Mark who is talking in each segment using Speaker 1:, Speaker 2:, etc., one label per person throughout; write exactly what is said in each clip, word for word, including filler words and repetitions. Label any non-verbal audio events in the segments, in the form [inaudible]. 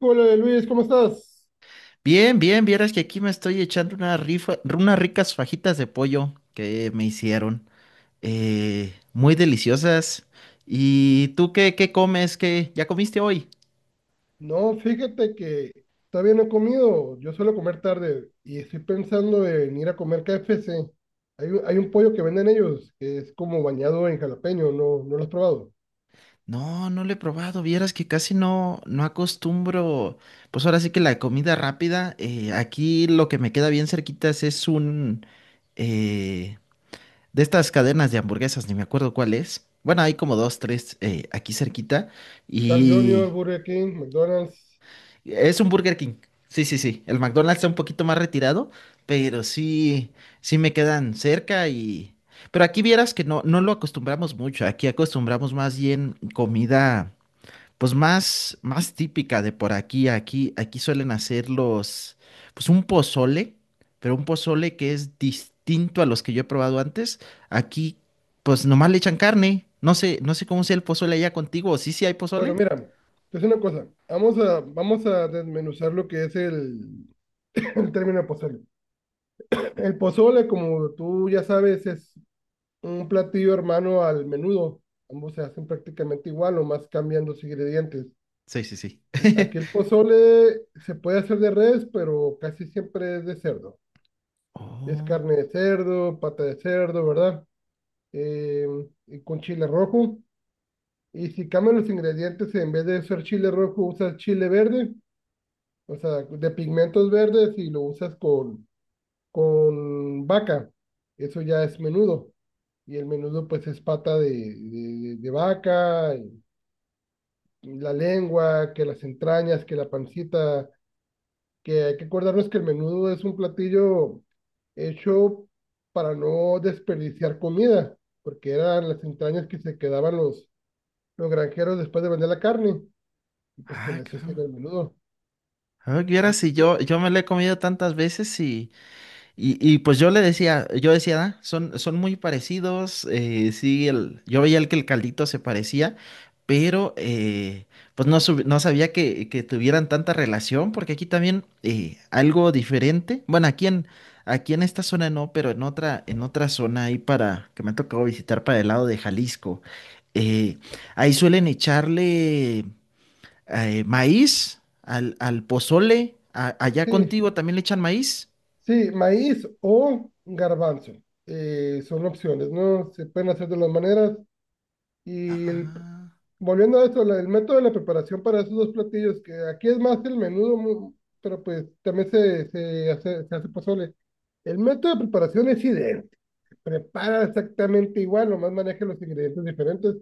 Speaker 1: Hola Luis, ¿cómo estás?
Speaker 2: Bien, bien, vieras que aquí me estoy echando una rifa, unas ricas fajitas de pollo que me hicieron. Eh, muy deliciosas. ¿Y tú qué, qué comes? ¿Qué ya comiste hoy?
Speaker 1: No, fíjate que todavía no he comido. Yo suelo comer tarde y estoy pensando en ir a comer K F C. Hay un, hay un pollo que venden ellos que es como bañado en jalapeño, ¿no, no lo has probado?
Speaker 2: No, no lo he probado. Vieras que casi no, no acostumbro. Pues ahora sí que la comida rápida. Eh, aquí lo que me queda bien cerquitas es un eh, de estas cadenas de hamburguesas, ni me acuerdo cuál es. Bueno, hay como dos, tres eh, aquí cerquita.
Speaker 1: Carl junior,
Speaker 2: Y
Speaker 1: Burger King, McDonald's.
Speaker 2: es un Burger King. Sí, sí, sí. El McDonald's está un poquito más retirado, pero sí, sí me quedan cerca y... Pero aquí vieras que no, no lo acostumbramos mucho. Aquí acostumbramos más bien comida, pues más, más típica de por aquí. Aquí, aquí suelen hacer los, pues un pozole, pero un pozole que es distinto a los que yo he probado antes. Aquí, pues nomás le echan carne. No sé, no sé cómo sea el pozole allá contigo. ¿Sí, sí hay
Speaker 1: Bueno,
Speaker 2: pozole?
Speaker 1: mira, es una cosa. Vamos a, vamos a desmenuzar lo que es el, [laughs] el término de pozole. El pozole, como tú ya sabes, es un platillo hermano al menudo. Ambos se hacen prácticamente igual, o más cambiando sus ingredientes.
Speaker 2: Sí, sí, sí.
Speaker 1: Aquí
Speaker 2: [laughs]
Speaker 1: el pozole se puede hacer de res, pero casi siempre es de cerdo. Es
Speaker 2: Oh.
Speaker 1: carne de cerdo, pata de cerdo, ¿verdad? Eh, y con chile rojo. Y si cambian los ingredientes, en vez de usar chile rojo, usas chile verde, o sea, de pigmentos verdes y lo usas con, con vaca. Eso ya es menudo. Y el menudo pues es pata de, de, de vaca, y la lengua, que las entrañas, que la pancita que hay que acordarnos que el menudo es un platillo hecho para no desperdiciar comida, porque eran las entrañas que se quedaban los, los granjeros después de vender la carne, y pues con
Speaker 2: Ah,
Speaker 1: eso se hacían
Speaker 2: caramba.
Speaker 1: el menudo.
Speaker 2: Ah, vieras si yo, yo me lo he comido tantas veces y, y, y pues yo le decía, yo decía, "Ah, son, son muy parecidos, eh, sí, el, yo veía el que el caldito se parecía, pero eh, pues no, sub- no sabía que, que tuvieran tanta relación, porque aquí también eh, algo diferente, bueno, aquí en, aquí en esta zona no, pero en otra, en otra zona ahí para, que me ha tocado visitar para el lado de Jalisco, eh, ahí suelen echarle eh, maíz, al, al pozole. A- allá
Speaker 1: Sí,
Speaker 2: contigo también le echan maíz.
Speaker 1: sí, maíz o garbanzo, eh, son opciones, ¿no? Se pueden hacer de las maneras,
Speaker 2: Ah,
Speaker 1: y el,
Speaker 2: ah,
Speaker 1: Volviendo a esto, la- el método de la preparación para esos dos platillos, que aquí es más el menudo, mu- pero pues también se, se hace, se hace pozole. El método de preparación es idéntico, prepara exactamente igual, nomás maneja los ingredientes diferentes,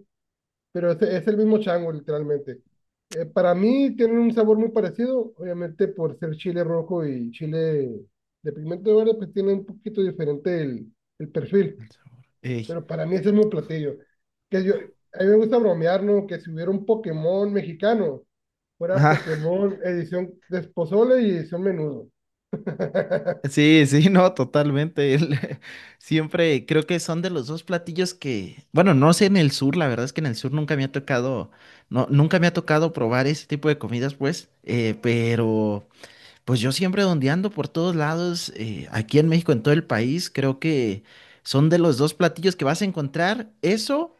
Speaker 1: pero es, es el mismo chango, literalmente. Eh, para mí tienen un sabor muy parecido, obviamente por ser chile rojo y chile de pigmento verde, pues tiene un poquito diferente el, el perfil,
Speaker 2: el sabor. Ey.
Speaker 1: pero para mí ese es mi platillo. Que yo, a mí me gusta bromear, ¿no? Que si hubiera un Pokémon mexicano, fuera
Speaker 2: Ajá,
Speaker 1: Pokémon edición de pozole y edición menudo. [laughs]
Speaker 2: [laughs] sí, sí, no, totalmente. el- [laughs] Siempre creo que son de los dos platillos que, bueno, no sé en el sur, la verdad es que en el sur nunca me ha tocado, no, nunca me ha tocado probar ese tipo de comidas, pues, eh, pero pues yo siempre dondeando por todos lados, eh, aquí en México, en todo el país, creo que son de los dos platillos que vas a encontrar. Eso,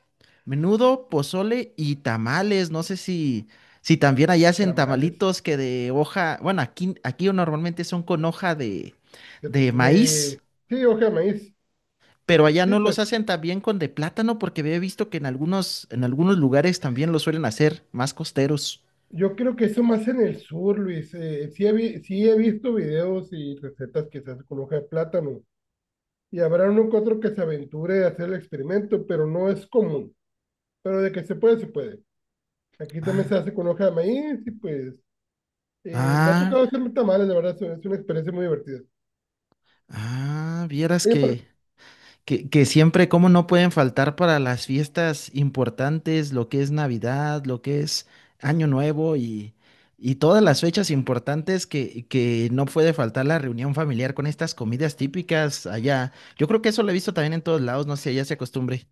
Speaker 2: menudo, pozole y tamales. No sé si, si también allá hacen
Speaker 1: Tamales.
Speaker 2: tamalitos que de hoja, bueno, aquí, aquí normalmente son con hoja de,
Speaker 1: De,
Speaker 2: de maíz,
Speaker 1: de- sí, hoja de maíz.
Speaker 2: pero allá
Speaker 1: Sí,
Speaker 2: no los
Speaker 1: pues
Speaker 2: hacen también con de plátano porque había visto que en algunos, en algunos lugares también lo suelen hacer, más costeros.
Speaker 1: yo creo que eso más en el sur, Luis. Eh, sí, he vi- sí he visto videos y recetas que se hacen con hoja de plátano. Y habrá uno que otro que se aventure a hacer el experimento, pero no es común. Pero de que se puede, se puede. Aquí también se
Speaker 2: Ah,
Speaker 1: hace con hoja de maíz y pues, eh, me ha
Speaker 2: ah,
Speaker 1: tocado hacerme tamales, la verdad, es es una experiencia muy divertida.
Speaker 2: ah, vieras
Speaker 1: Oye, pero-
Speaker 2: que... Que, que siempre, como no pueden faltar para las fiestas importantes, lo que es Navidad, lo que es Año Nuevo y, y todas las fechas importantes que, que no puede faltar la reunión familiar con estas comidas típicas allá. Yo creo que eso lo he visto también en todos lados, no sé, ya se acostumbre.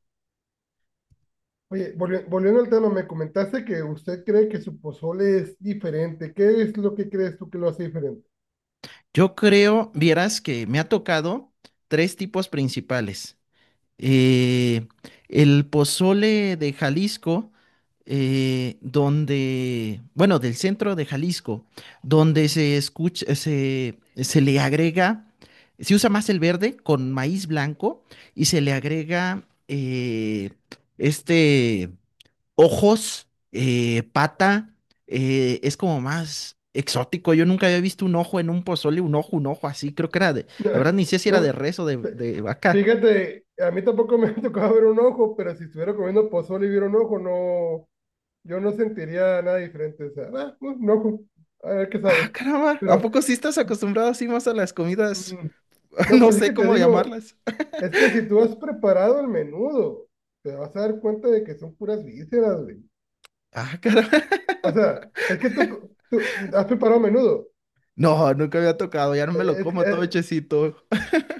Speaker 1: oye, volvi- volviendo al tema, me comentaste que usted cree que su pozole es diferente. ¿Qué es lo que crees tú que lo hace diferente?
Speaker 2: Yo creo, vieras que me ha tocado tres tipos principales. eh, el pozole de Jalisco, eh, donde, bueno, del centro de Jalisco, donde se escucha, se, se le agrega, se usa más el verde con maíz blanco y se le agrega eh, este ojos, eh, pata, eh, es como más exótico. Yo nunca había visto un ojo en un pozole, un ojo, un ojo así, creo que era de, la verdad
Speaker 1: [laughs]
Speaker 2: ni sé si
Speaker 1: No,
Speaker 2: era de
Speaker 1: no,
Speaker 2: res o de
Speaker 1: f-
Speaker 2: de vaca.
Speaker 1: fíjate, a mí tampoco me [laughs] ha tocado ver un ojo, pero si estuviera comiendo pozole y viera un ojo, no, yo no sentiría nada diferente. O sea, ah, un ojo, a ver qué
Speaker 2: Ah,
Speaker 1: sabe.
Speaker 2: caramba. ¿A
Speaker 1: Pero,
Speaker 2: poco sí estás acostumbrado así más a las comidas?
Speaker 1: mm,
Speaker 2: [laughs]
Speaker 1: no,
Speaker 2: No
Speaker 1: pues es
Speaker 2: sé
Speaker 1: que te
Speaker 2: cómo
Speaker 1: digo,
Speaker 2: llamarlas.
Speaker 1: es que si tú has preparado el menudo, te vas a dar cuenta de que son puras vísceras, güey.
Speaker 2: Ah, caramba. [laughs]
Speaker 1: O sea, es que tú, tú has preparado menudo.
Speaker 2: No, nunca había tocado. Ya no
Speaker 1: Eh,
Speaker 2: me lo
Speaker 1: Es,
Speaker 2: como todo
Speaker 1: eh,
Speaker 2: hechecito.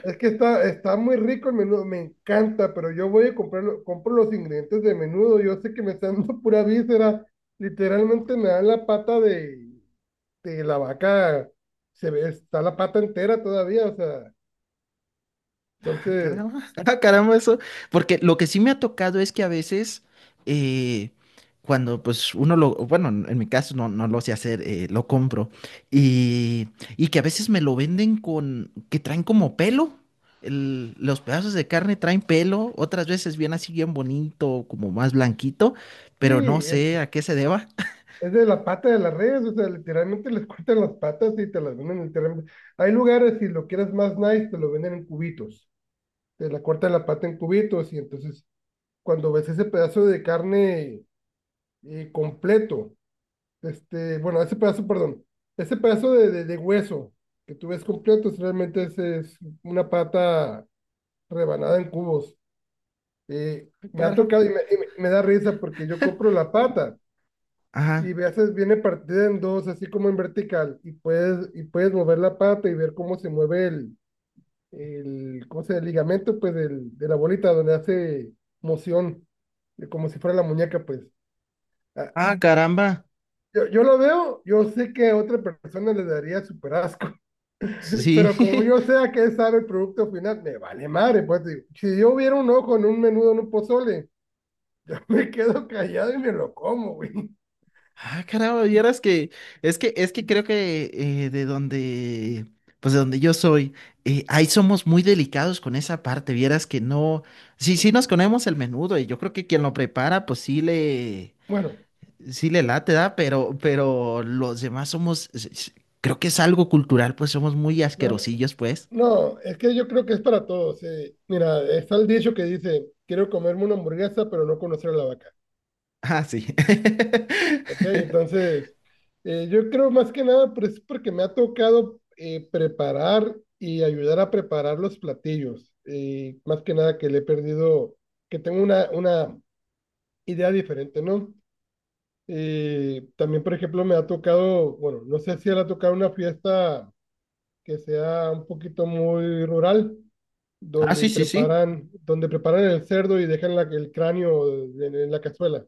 Speaker 1: es que está, está muy rico el menudo, me encanta, pero yo voy a comprarlo, compro los ingredientes de menudo. Yo sé que me están dando [laughs] pura víscera. Literalmente me dan la pata de, de la vaca. Se ve, está la pata entera todavía. O sea,
Speaker 2: Ah,
Speaker 1: entonces,
Speaker 2: caramba, [laughs] ah, caramba, eso. Porque lo que sí me ha tocado es que a veces, eh, cuando pues uno lo, bueno, en en mi caso no, no lo sé hacer, eh, lo compro. Y, y que a veces me lo venden con, que traen como pelo. El- los pedazos de carne traen pelo, otras veces bien así, bien bonito, como más blanquito, pero no
Speaker 1: sí, es,
Speaker 2: sé a qué se deba. [laughs]
Speaker 1: es de la pata de las redes. O sea, literalmente les cortan las patas y te las venden literalmente. Hay lugares, si lo quieres más nice, te lo venden en cubitos. Te la corta la pata en cubitos y entonces cuando ves ese pedazo de carne, eh, completo, este, bueno, ese pedazo, perdón, ese pedazo de, de, de hueso que tú ves completo, es- realmente es, es una pata rebanada en cubos. Eh,
Speaker 2: Ah,
Speaker 1: me ha
Speaker 2: caramba.
Speaker 1: tocado y me, y me- me da risa porque yo compro la pata y
Speaker 2: Ajá.
Speaker 1: a veces viene partida en dos, así como en vertical, y puedes, y puedes mover la pata y ver cómo se mueve el, el, ¿cómo se llama? El ligamento, pues, del, de la bolita donde hace moción, de como si fuera la muñeca, pues. Ah,
Speaker 2: Ah, caramba.
Speaker 1: yo, yo lo veo, yo sé que a otra persona le daría súper asco, [laughs]
Speaker 2: Sí.
Speaker 1: pero como yo
Speaker 2: [laughs]
Speaker 1: sé a qué sabe el producto final, me vale madre, pues, digo, si yo hubiera un ojo en un menudo, en un pozole, [laughs] me quedo callado y me lo como, güey. [laughs]
Speaker 2: Ah, caramba, vieras que es que es que creo que eh, de donde pues de donde yo soy, eh, ahí somos muy delicados con esa parte, vieras que no, sí, sí nos comemos el menudo y yo creo que quien lo prepara pues sí le
Speaker 1: Bueno,
Speaker 2: sí le late, da, pero pero los demás somos s- s- creo que es algo cultural, pues somos muy
Speaker 1: no, no.
Speaker 2: asquerosillos, pues.
Speaker 1: No, es que yo creo que es para todos. Eh. Mira, está el dicho que dice, quiero comerme una hamburguesa, pero no conocer a la vaca.
Speaker 2: Ah, sí.
Speaker 1: Ok,
Speaker 2: [laughs]
Speaker 1: entonces, eh, yo creo más que nada, pues es porque me ha tocado, eh, preparar y ayudar a preparar los platillos. Eh, más que nada que le he perdido, que tengo una, una idea diferente, ¿no? Eh, también, por ejemplo, me ha tocado, bueno, no sé si le ha tocado una fiesta que sea un poquito muy rural,
Speaker 2: Ah,
Speaker 1: donde
Speaker 2: sí, sí, sí.
Speaker 1: preparan, donde preparan el cerdo y dejan la- el cráneo en, en la cazuela.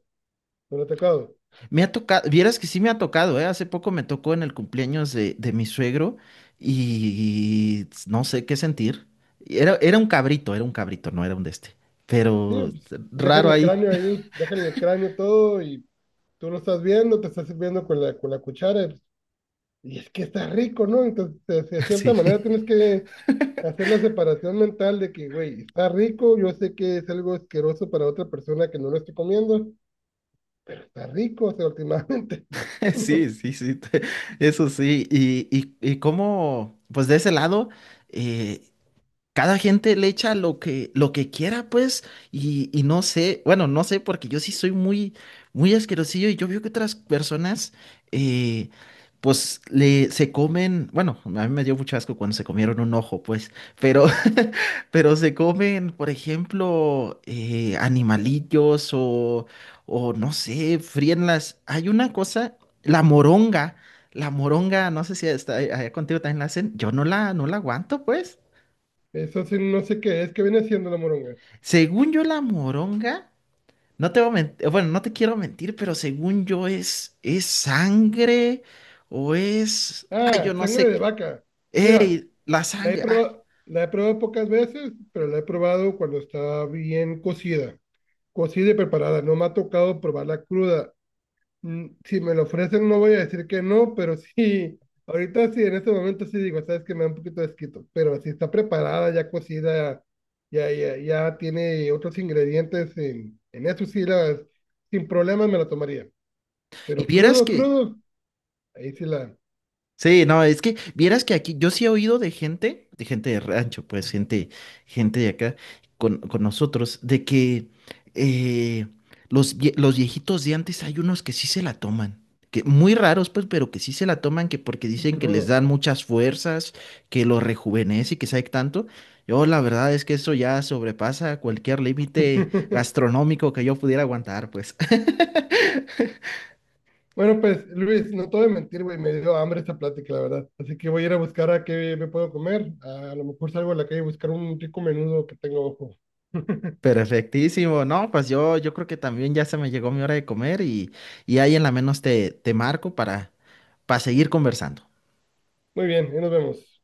Speaker 1: ¿No le ha tocado?
Speaker 2: Me ha tocado, vieras que sí me ha tocado, ¿eh? Hace poco me tocó en el cumpleaños de, de mi suegro y no sé qué sentir. Era, era un cabrito, era un cabrito, no era un de este.
Speaker 1: Sí,
Speaker 2: Pero
Speaker 1: pues, dejen
Speaker 2: raro
Speaker 1: el
Speaker 2: ahí.
Speaker 1: cráneo
Speaker 2: [laughs]
Speaker 1: ahí, dejen el cráneo todo y tú lo estás viendo, te estás sirviendo con la, con la cuchara y y es que está rico, ¿no? Entonces, de, de cierta
Speaker 2: Sí,
Speaker 1: manera tienes que hacer la separación mental de que, güey, está rico, yo sé que es algo asqueroso para otra persona que no lo estoy comiendo, pero está rico, o sea, últimamente.
Speaker 2: [laughs] sí, sí, sí, [laughs] te- eso sí. Y, y, y cómo, pues de ese lado, eh, cada gente le echa lo que, lo que quiera, pues, y, y no sé, bueno, no sé, porque yo sí soy muy, muy asquerosillo y yo veo que otras personas, eh, pues, le, se comen, bueno, a mí me dio mucho asco cuando se comieron un ojo, pues, pero, [laughs] pero se comen, por ejemplo, eh, animalillos o, o no sé, fríen las, hay una cosa, la moronga. La moronga, no sé si está allá contigo también la hacen. Yo no la, no la aguanto, pues.
Speaker 1: [laughs] Eso sí, no sé qué es, ¿que viene siendo la moronga?
Speaker 2: Según yo, la moronga, no te voy a mentir, bueno, no te quiero mentir, pero según yo es, es sangre o es, ay, yo
Speaker 1: Ah,
Speaker 2: no
Speaker 1: sangre
Speaker 2: sé,
Speaker 1: de
Speaker 2: qué...
Speaker 1: vaca. Mira,
Speaker 2: Ey, la
Speaker 1: la he
Speaker 2: sangre, ay,
Speaker 1: probado, la he probado pocas veces, pero la he probado cuando está bien cocida. Cocida y preparada, no me ha tocado probarla cruda. Mm, si me lo ofrecen, no voy a decir que no, pero [laughs] sí, ahorita sí, en este momento sí digo, sabes que me da un poquito de asquito, pero si está preparada, ya cocida, ya, ya, ya tiene otros ingredientes, en, en eso sí, la, sin problemas me la tomaría.
Speaker 2: y
Speaker 1: Pero
Speaker 2: vieras
Speaker 1: crudo,
Speaker 2: que
Speaker 1: crudo, ahí sí la,
Speaker 2: sí, no, es que vieras que aquí yo sí he oído de gente, de gente de rancho, pues gente, gente de acá con, con nosotros, de que eh, los, vie- los viejitos de antes hay unos que sí se la toman, que muy raros pues, pero que sí se la toman, que porque
Speaker 1: y
Speaker 2: dicen que les
Speaker 1: crudo.
Speaker 2: dan muchas fuerzas, que los rejuvenece y que sabe tanto. Yo la verdad es que eso ya sobrepasa cualquier límite
Speaker 1: [laughs]
Speaker 2: gastronómico que yo pudiera aguantar, pues. [laughs]
Speaker 1: Bueno, pues Luis, no te voy a mentir, güey, me dio hambre esta plática, la verdad. Así que voy a ir a buscar a qué me puedo comer. A, a lo mejor salgo a la calle a buscar un rico menudo que tengo ojo. [laughs]
Speaker 2: Perfectísimo, no, pues yo, yo creo que también ya se me llegó mi hora de comer y, y ahí en la menos te, te marco para, para seguir conversando.
Speaker 1: Muy bien, ahí nos vemos.